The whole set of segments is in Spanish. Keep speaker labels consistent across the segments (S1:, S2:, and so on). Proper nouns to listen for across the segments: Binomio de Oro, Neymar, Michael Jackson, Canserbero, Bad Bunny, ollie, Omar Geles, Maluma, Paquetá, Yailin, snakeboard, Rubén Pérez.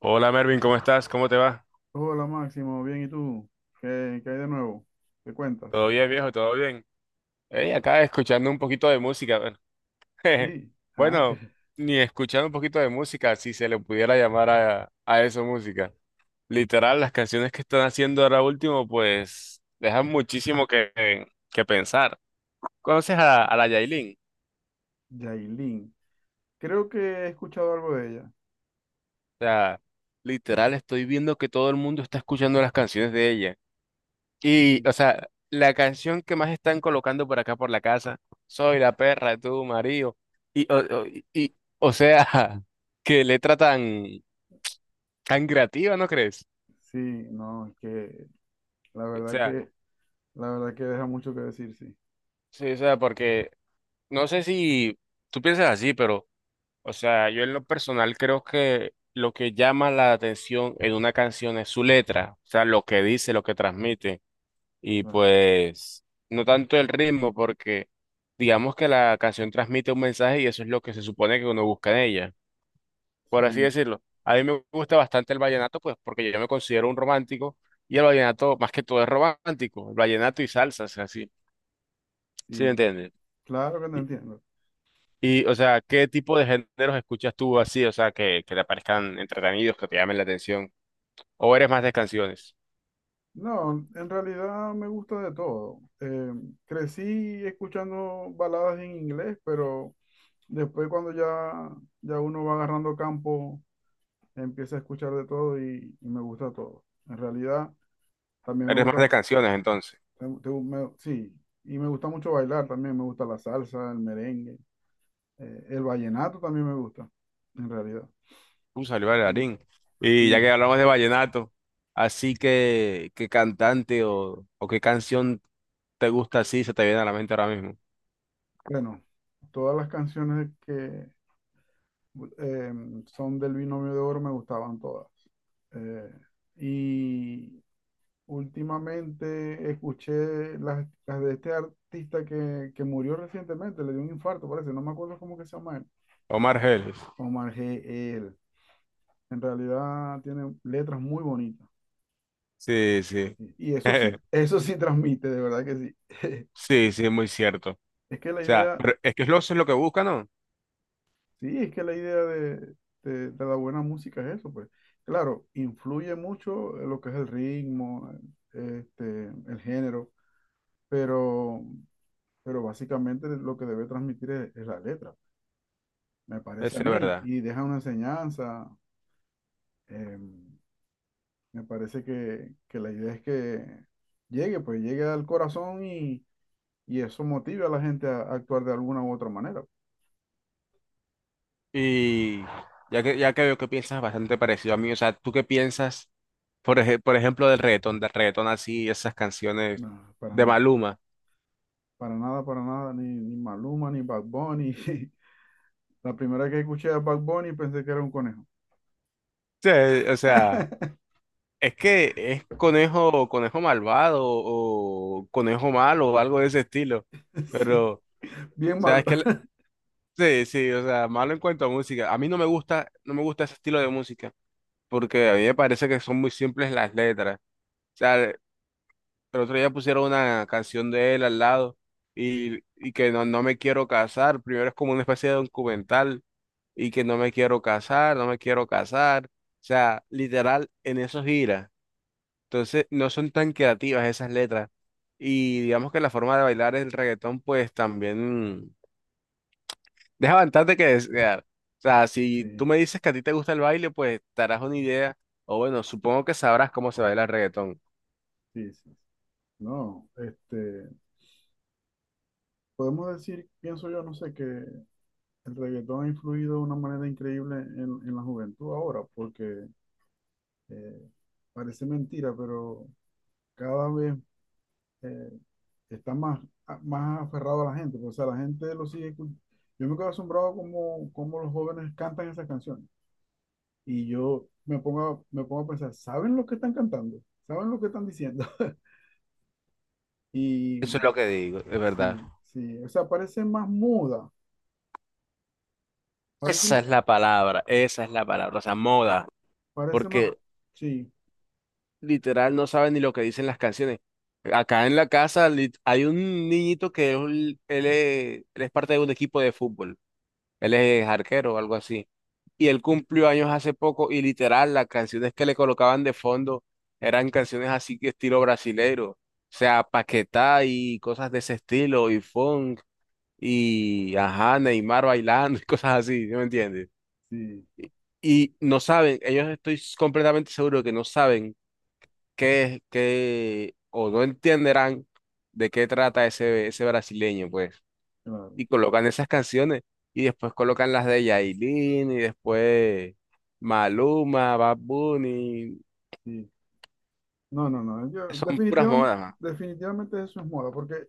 S1: Hola Mervin, ¿cómo estás? ¿Cómo te va?
S2: Hola Máximo, bien, ¿y tú? ¿Qué hay de nuevo? ¿Qué cuentas?
S1: ¿Todo bien, viejo? ¿Todo bien? Hey, acá escuchando un poquito de música. Bueno,
S2: Sí, ah, que
S1: bueno, ni escuchando un poquito de música, si se le pudiera llamar a eso música. Literal, las canciones que están haciendo ahora último, pues dejan muchísimo que pensar. ¿Conoces a la Yailin?
S2: Yailin. Creo que he escuchado algo de ella.
S1: O sea, literal, estoy viendo que todo el mundo está escuchando las canciones de ella. Y,
S2: Sí,
S1: o sea, la canción que más están colocando por acá por la casa, soy la perra de tu marido. O sea, qué letra tan, tan creativa, ¿no crees?
S2: sí, no, es que la
S1: O
S2: verdad
S1: sea,
S2: que, la verdad que deja mucho que decir, sí.
S1: sí, o sea, porque no sé si tú piensas así, pero, o sea, yo en lo personal creo que lo que llama la atención en una canción es su letra, o sea, lo que dice, lo que transmite. Y
S2: Claro,
S1: pues no tanto el ritmo, porque digamos que la canción transmite un mensaje y eso es lo que se supone que uno busca en ella, por así
S2: sí,
S1: decirlo. A mí me gusta bastante el vallenato, pues porque yo me considero un romántico y el vallenato más que todo es romántico, el vallenato y salsas, así, ¿sí me
S2: sí,
S1: entiendes?
S2: claro que te
S1: Y,
S2: entiendo.
S1: y, o
S2: Yo-
S1: sea, ¿qué tipo de géneros escuchas tú así, o sea, que te parezcan entretenidos, que te llamen la atención? ¿O eres más de canciones?
S2: No, en realidad me gusta de todo. Crecí escuchando baladas en inglés, pero después cuando ya uno va agarrando campo, empiezo a escuchar de todo y me gusta todo. En realidad, también me
S1: Eres más
S2: gusta,
S1: de canciones entonces.
S2: sí, y me gusta mucho bailar también, me gusta la salsa, el merengue, el vallenato también me gusta, en realidad.
S1: Salió
S2: Y
S1: bailarín. Y ya que
S2: sí,
S1: hablamos de vallenato, así que, ¿qué cantante o qué canción te gusta así se te viene a la mente ahora mismo?
S2: bueno, todas las canciones que eh, son del Binomio de Oro me gustaban todas. Eh, y últimamente escuché las de este artista que murió recientemente, le dio un infarto, parece, no me acuerdo cómo que se llama él.
S1: Omar Geles.
S2: Omar G. L. En realidad tiene letras muy bonitas.
S1: Sí, sí.
S2: Sí. Y eso sí transmite, de verdad que sí.
S1: Sí, sí, muy cierto. O
S2: Es que la
S1: sea,
S2: idea,
S1: pero es que es lo, eso es lo que buscan, ¿no?
S2: sí, es que la idea de la buena música es eso, pues. Claro, influye mucho lo que es el ritmo, el género, pero, pero básicamente lo que debe transmitir es la letra, me parece a
S1: Eso es
S2: mí.
S1: verdad.
S2: Y deja una enseñanza. em, Me parece que la idea es que llegue, pues llegue al corazón y eso motive a la gente a actuar de alguna u otra manera.
S1: Y ya que veo que piensas bastante parecido a mí, o sea, ¿tú qué piensas, por ejemplo, del reggaetón, así, esas canciones
S2: No, para
S1: de
S2: nada,
S1: Maluma?
S2: para nada, para nada, ni Maluma, ni Bad Bunny. La primera que escuché a Bad Bunny pensé que era un conejo.
S1: Sí, o sea. Es que es conejo, conejo malvado o conejo malo o algo de ese estilo.
S2: Sí,
S1: Pero, o
S2: bien
S1: sea,
S2: malo.
S1: es que sí, sí, o sea, malo en cuanto a música. A mí no me gusta, no me gusta ese estilo de música porque a mí me parece que son muy simples las letras. O sea, el otro día pusieron una canción de él al lado y que no, no me quiero casar. Primero es como una especie de documental y que no me quiero casar, no me quiero casar. O sea, literal, en eso gira. Entonces, no son tan creativas esas letras. Y digamos que la forma de bailar el reggaetón, pues también deja bastante que desear. O sea, si tú
S2: Sí,
S1: me dices que a ti te gusta el baile, pues te harás una idea, o bueno, supongo que sabrás cómo se baila el reggaetón.
S2: sí, sí. No, podemos decir, pienso yo, no sé, que el reggaetón ha influido de una manera increíble en la juventud ahora, porque eh, parece mentira, pero cada vez eh, está más, más aferrado a la gente. Pues, o sea, la gente lo sigue. Yo me quedo asombrado como los jóvenes cantan esas canciones. Y yo me pongo a pensar, ¿saben lo que están cantando? ¿Saben lo que están diciendo? Y
S1: Eso es lo que digo, es verdad.
S2: sí, sí, o sea, parece más muda, parece
S1: Esa
S2: más,
S1: es la palabra, esa es la palabra, o sea, moda,
S2: parece más,
S1: porque
S2: sí,
S1: literal no saben ni lo que dicen las canciones. Acá en la casa hay un niñito que es él es parte de un equipo de fútbol. Él es arquero o algo así. Y él cumplió años hace poco y literal las canciones que le colocaban de fondo eran canciones así que estilo brasileiro. O sea, Paquetá y cosas de ese estilo y funk y ajá, Neymar bailando y cosas así, ¿sí me entiendes?
S2: sí,
S1: Y no saben, ellos estoy completamente seguro que no saben qué es, o no entenderán de qué trata ese, brasileño, pues
S2: claro,
S1: y colocan esas canciones y después colocan las de Yailin y después Maluma, Bad Bunny,
S2: sí. No, no, no, yo
S1: son puras
S2: definitiva-
S1: modas. Ma.
S2: definitivamente eso es moda, porque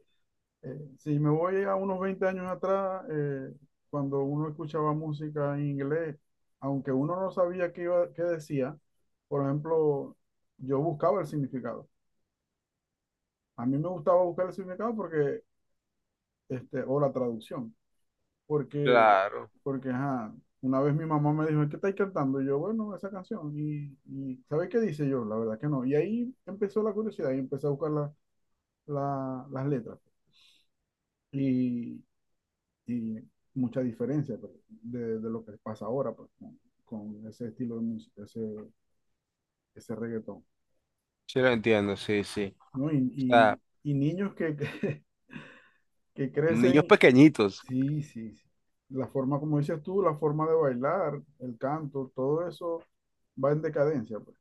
S2: Si me voy a unos 20 años atrás, cuando uno escuchaba música en inglés, aunque uno no sabía qué decía, por ejemplo, yo buscaba el significado. A mí me gustaba buscar el significado porque, o la traducción, porque,
S1: Claro,
S2: porque, ajá, una vez mi mamá me dijo, ¿qué estáis cantando? Y yo, bueno, esa canción. Y ¿sabéis qué dice yo? La verdad que no. Y ahí empezó la curiosidad y empecé a buscar las letras. y y mucha diferencia pues, de lo que pasa ahora pues, con ese estilo de música, ese reggaetón,
S1: sí lo entiendo, sí, sí.
S2: ¿no?
S1: O
S2: Y,
S1: sea,
S2: y, y niños que
S1: niños
S2: crecen,
S1: pequeñitos,
S2: sí, sí, sí. La forma, como dices tú, la forma de bailar, el canto, todo eso va en decadencia, pues.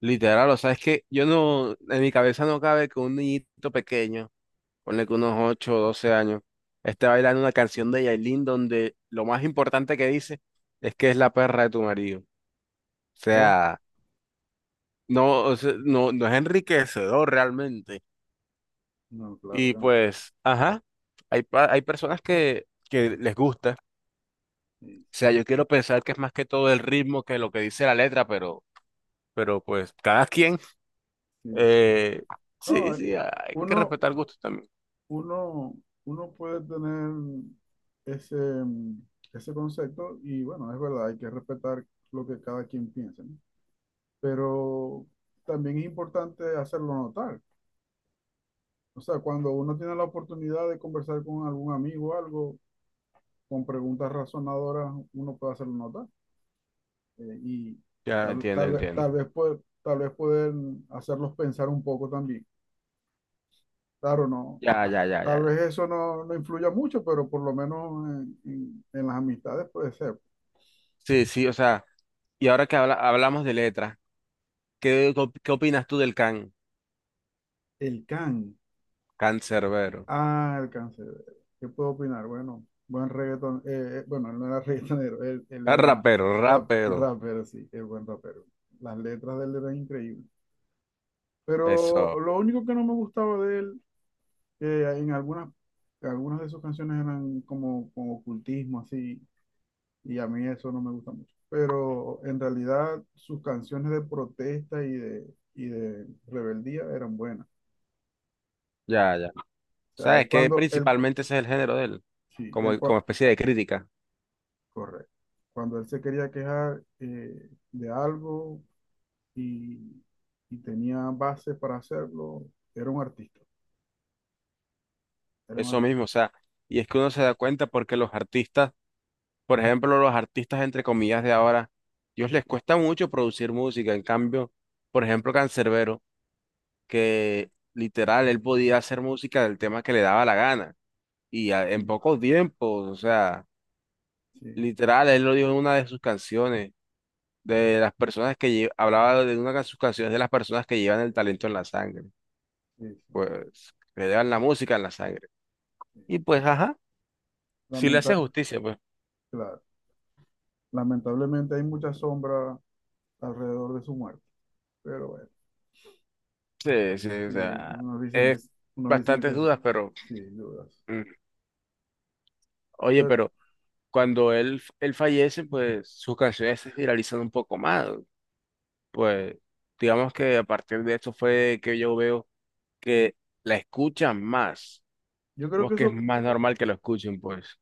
S1: literal, o sea, es que yo no, en mi cabeza no cabe que un niñito pequeño, ponle que unos 8 o 12 años, esté bailando una canción de Yailin donde lo más importante que dice es que es la perra de tu marido.
S2: Oh,
S1: Sea, no, o sea, no, no es enriquecedor realmente.
S2: no, claro
S1: Y
S2: que no.
S1: pues, ajá, hay, hay personas que les gusta.
S2: Sí,
S1: O sea, yo quiero pensar que es más que todo el ritmo que lo que dice la letra, pero pues cada quien.
S2: sí, sí.
S1: Eh,
S2: No,
S1: sí, sí, hay que
S2: uno,
S1: respetar gustos también.
S2: uno, uno puede tener ese, mm, ese concepto y bueno, es verdad, hay que respetar lo que cada quien piensa, ¿no? Pero también es importante hacerlo notar. O sea, cuando uno tiene la oportunidad de conversar con algún amigo o algo, con preguntas razonadoras, uno puede hacerlo notar y
S1: Ya
S2: tal,
S1: entiendo,
S2: tal vez,
S1: entiendo.
S2: tal vez, puede- tal vez pueden hacerlos pensar un poco también. Claro, no,
S1: Ya, ya, ya, ya,
S2: tal vez
S1: ya.
S2: eso no influya mucho, pero por lo menos en las amistades puede ser.
S1: Sí, sí, o sea, y ahora que hablamos de letra, ¿ qué opinas tú del can?
S2: El can.
S1: Cancerbero.
S2: Ah, el cancerbero. ¿Qué puedo opinar? Bueno, buen reggaeton. Bueno, él no era reggaetonero, él
S1: Ah,
S2: era
S1: rapero, rapero.
S2: rapper, sí, el buen rapero. Las letras de él eran increíbles. Pero
S1: Eso,
S2: lo único que no me gustaba de él, que en algunas de sus canciones eran como ocultismo, así. Y a mí eso no me gusta mucho. Pero en realidad sus canciones de protesta y de rebeldía eran buenas.
S1: ya, ya.
S2: O sea,
S1: ¿Sabes que principalmente ese es el género de él?
S2: sí,
S1: Como, como especie de crítica.
S2: correcto. Cuando él se quería quejar de algo y, y tenía base para hacerlo, era un artista, era un
S1: Eso
S2: artista.
S1: mismo, o sea, y es que uno se da cuenta porque los artistas, por ejemplo, los artistas entre comillas de ahora, ellos les cuesta mucho producir música. En cambio, por ejemplo, Canserbero, que literal él podía hacer música del tema que le daba la gana y en
S2: Sí,
S1: pocos tiempos, o sea,
S2: sí,
S1: literal él lo dijo en una de sus canciones, de las personas que hablaba de una de sus canciones de las personas que llevan el talento en la sangre,
S2: sí, sí,
S1: pues que llevan la música en la sangre.
S2: sí.
S1: Y pues, ajá, sí le hace
S2: Lamenta-
S1: justicia, pues.
S2: claro, lamentablemente hay mucha sombra alrededor de su muerte, pero bueno.
S1: Sí, sí, o
S2: Sí,
S1: sea,
S2: unos dicen que,
S1: es
S2: s- unos dicen
S1: bastantes
S2: que sí,
S1: dudas, pero
S2: sí dudas.
S1: mm, oye,
S2: Pero
S1: pero cuando él fallece, pues sus canciones se viralizan un poco más. Pues digamos que a partir de eso fue que yo veo que la escuchan más.
S2: yo creo
S1: Como
S2: que
S1: que es
S2: eso,
S1: más normal que lo escuchen, pues.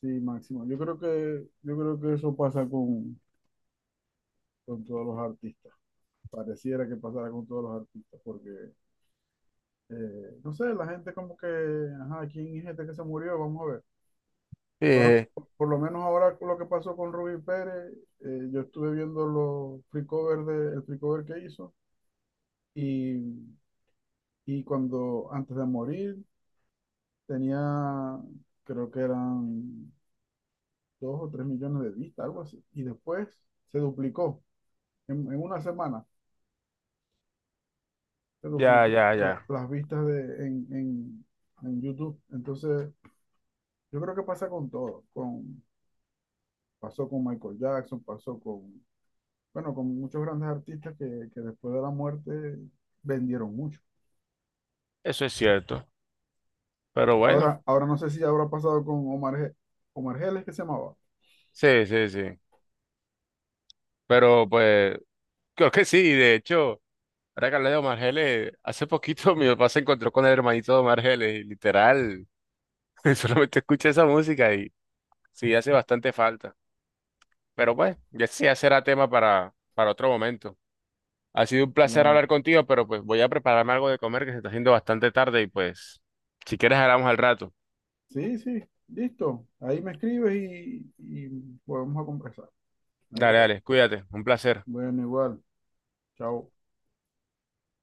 S2: sí, Máximo, yo creo que eso pasa con todos los artistas. Pareciera que pasara con todos los artistas, porque, no sé, la gente como que, ajá, ¿quién es este que se murió? Vamos a ver.
S1: Sí,
S2: Por, por lo menos ahora con lo que pasó con Rubén Pérez, yo estuve viendo los free cover el free cover que hizo y, y cuando, antes de morir, tenía, creo que eran 2 o 3 millones de vistas, algo así. Y después se duplicó, en una semana se
S1: ya,
S2: duplicó
S1: ya,
S2: la-
S1: ya.
S2: las vistas en YouTube. Entonces, yo creo que pasa con todo, pasó con Michael Jackson, pasó con, bueno, con muchos grandes artistas que después de la muerte vendieron mucho.
S1: Eso es cierto. Pero bueno,
S2: Ahora no sé si habrá pasado con Omar Geles, que se llamaba.
S1: sí, sí, sí. Pero pues, creo que sí, de hecho. Ahora que hablé de Omar Geles, hace poquito mi papá se encontró con el hermanito de Omar Geles y literal solamente escuché esa música y sí hace bastante falta. Pero pues, ya sí ya será tema para otro momento. Ha sido un placer
S2: La-
S1: hablar contigo, pero pues voy a prepararme algo de comer que se está haciendo bastante tarde y pues, si quieres hablamos al rato.
S2: Sí, sí, listo. Ahí me escribes y podemos a conversar. No hay
S1: Dale,
S2: problema.
S1: dale, cuídate, un placer.
S2: Bueno, igual. Chao.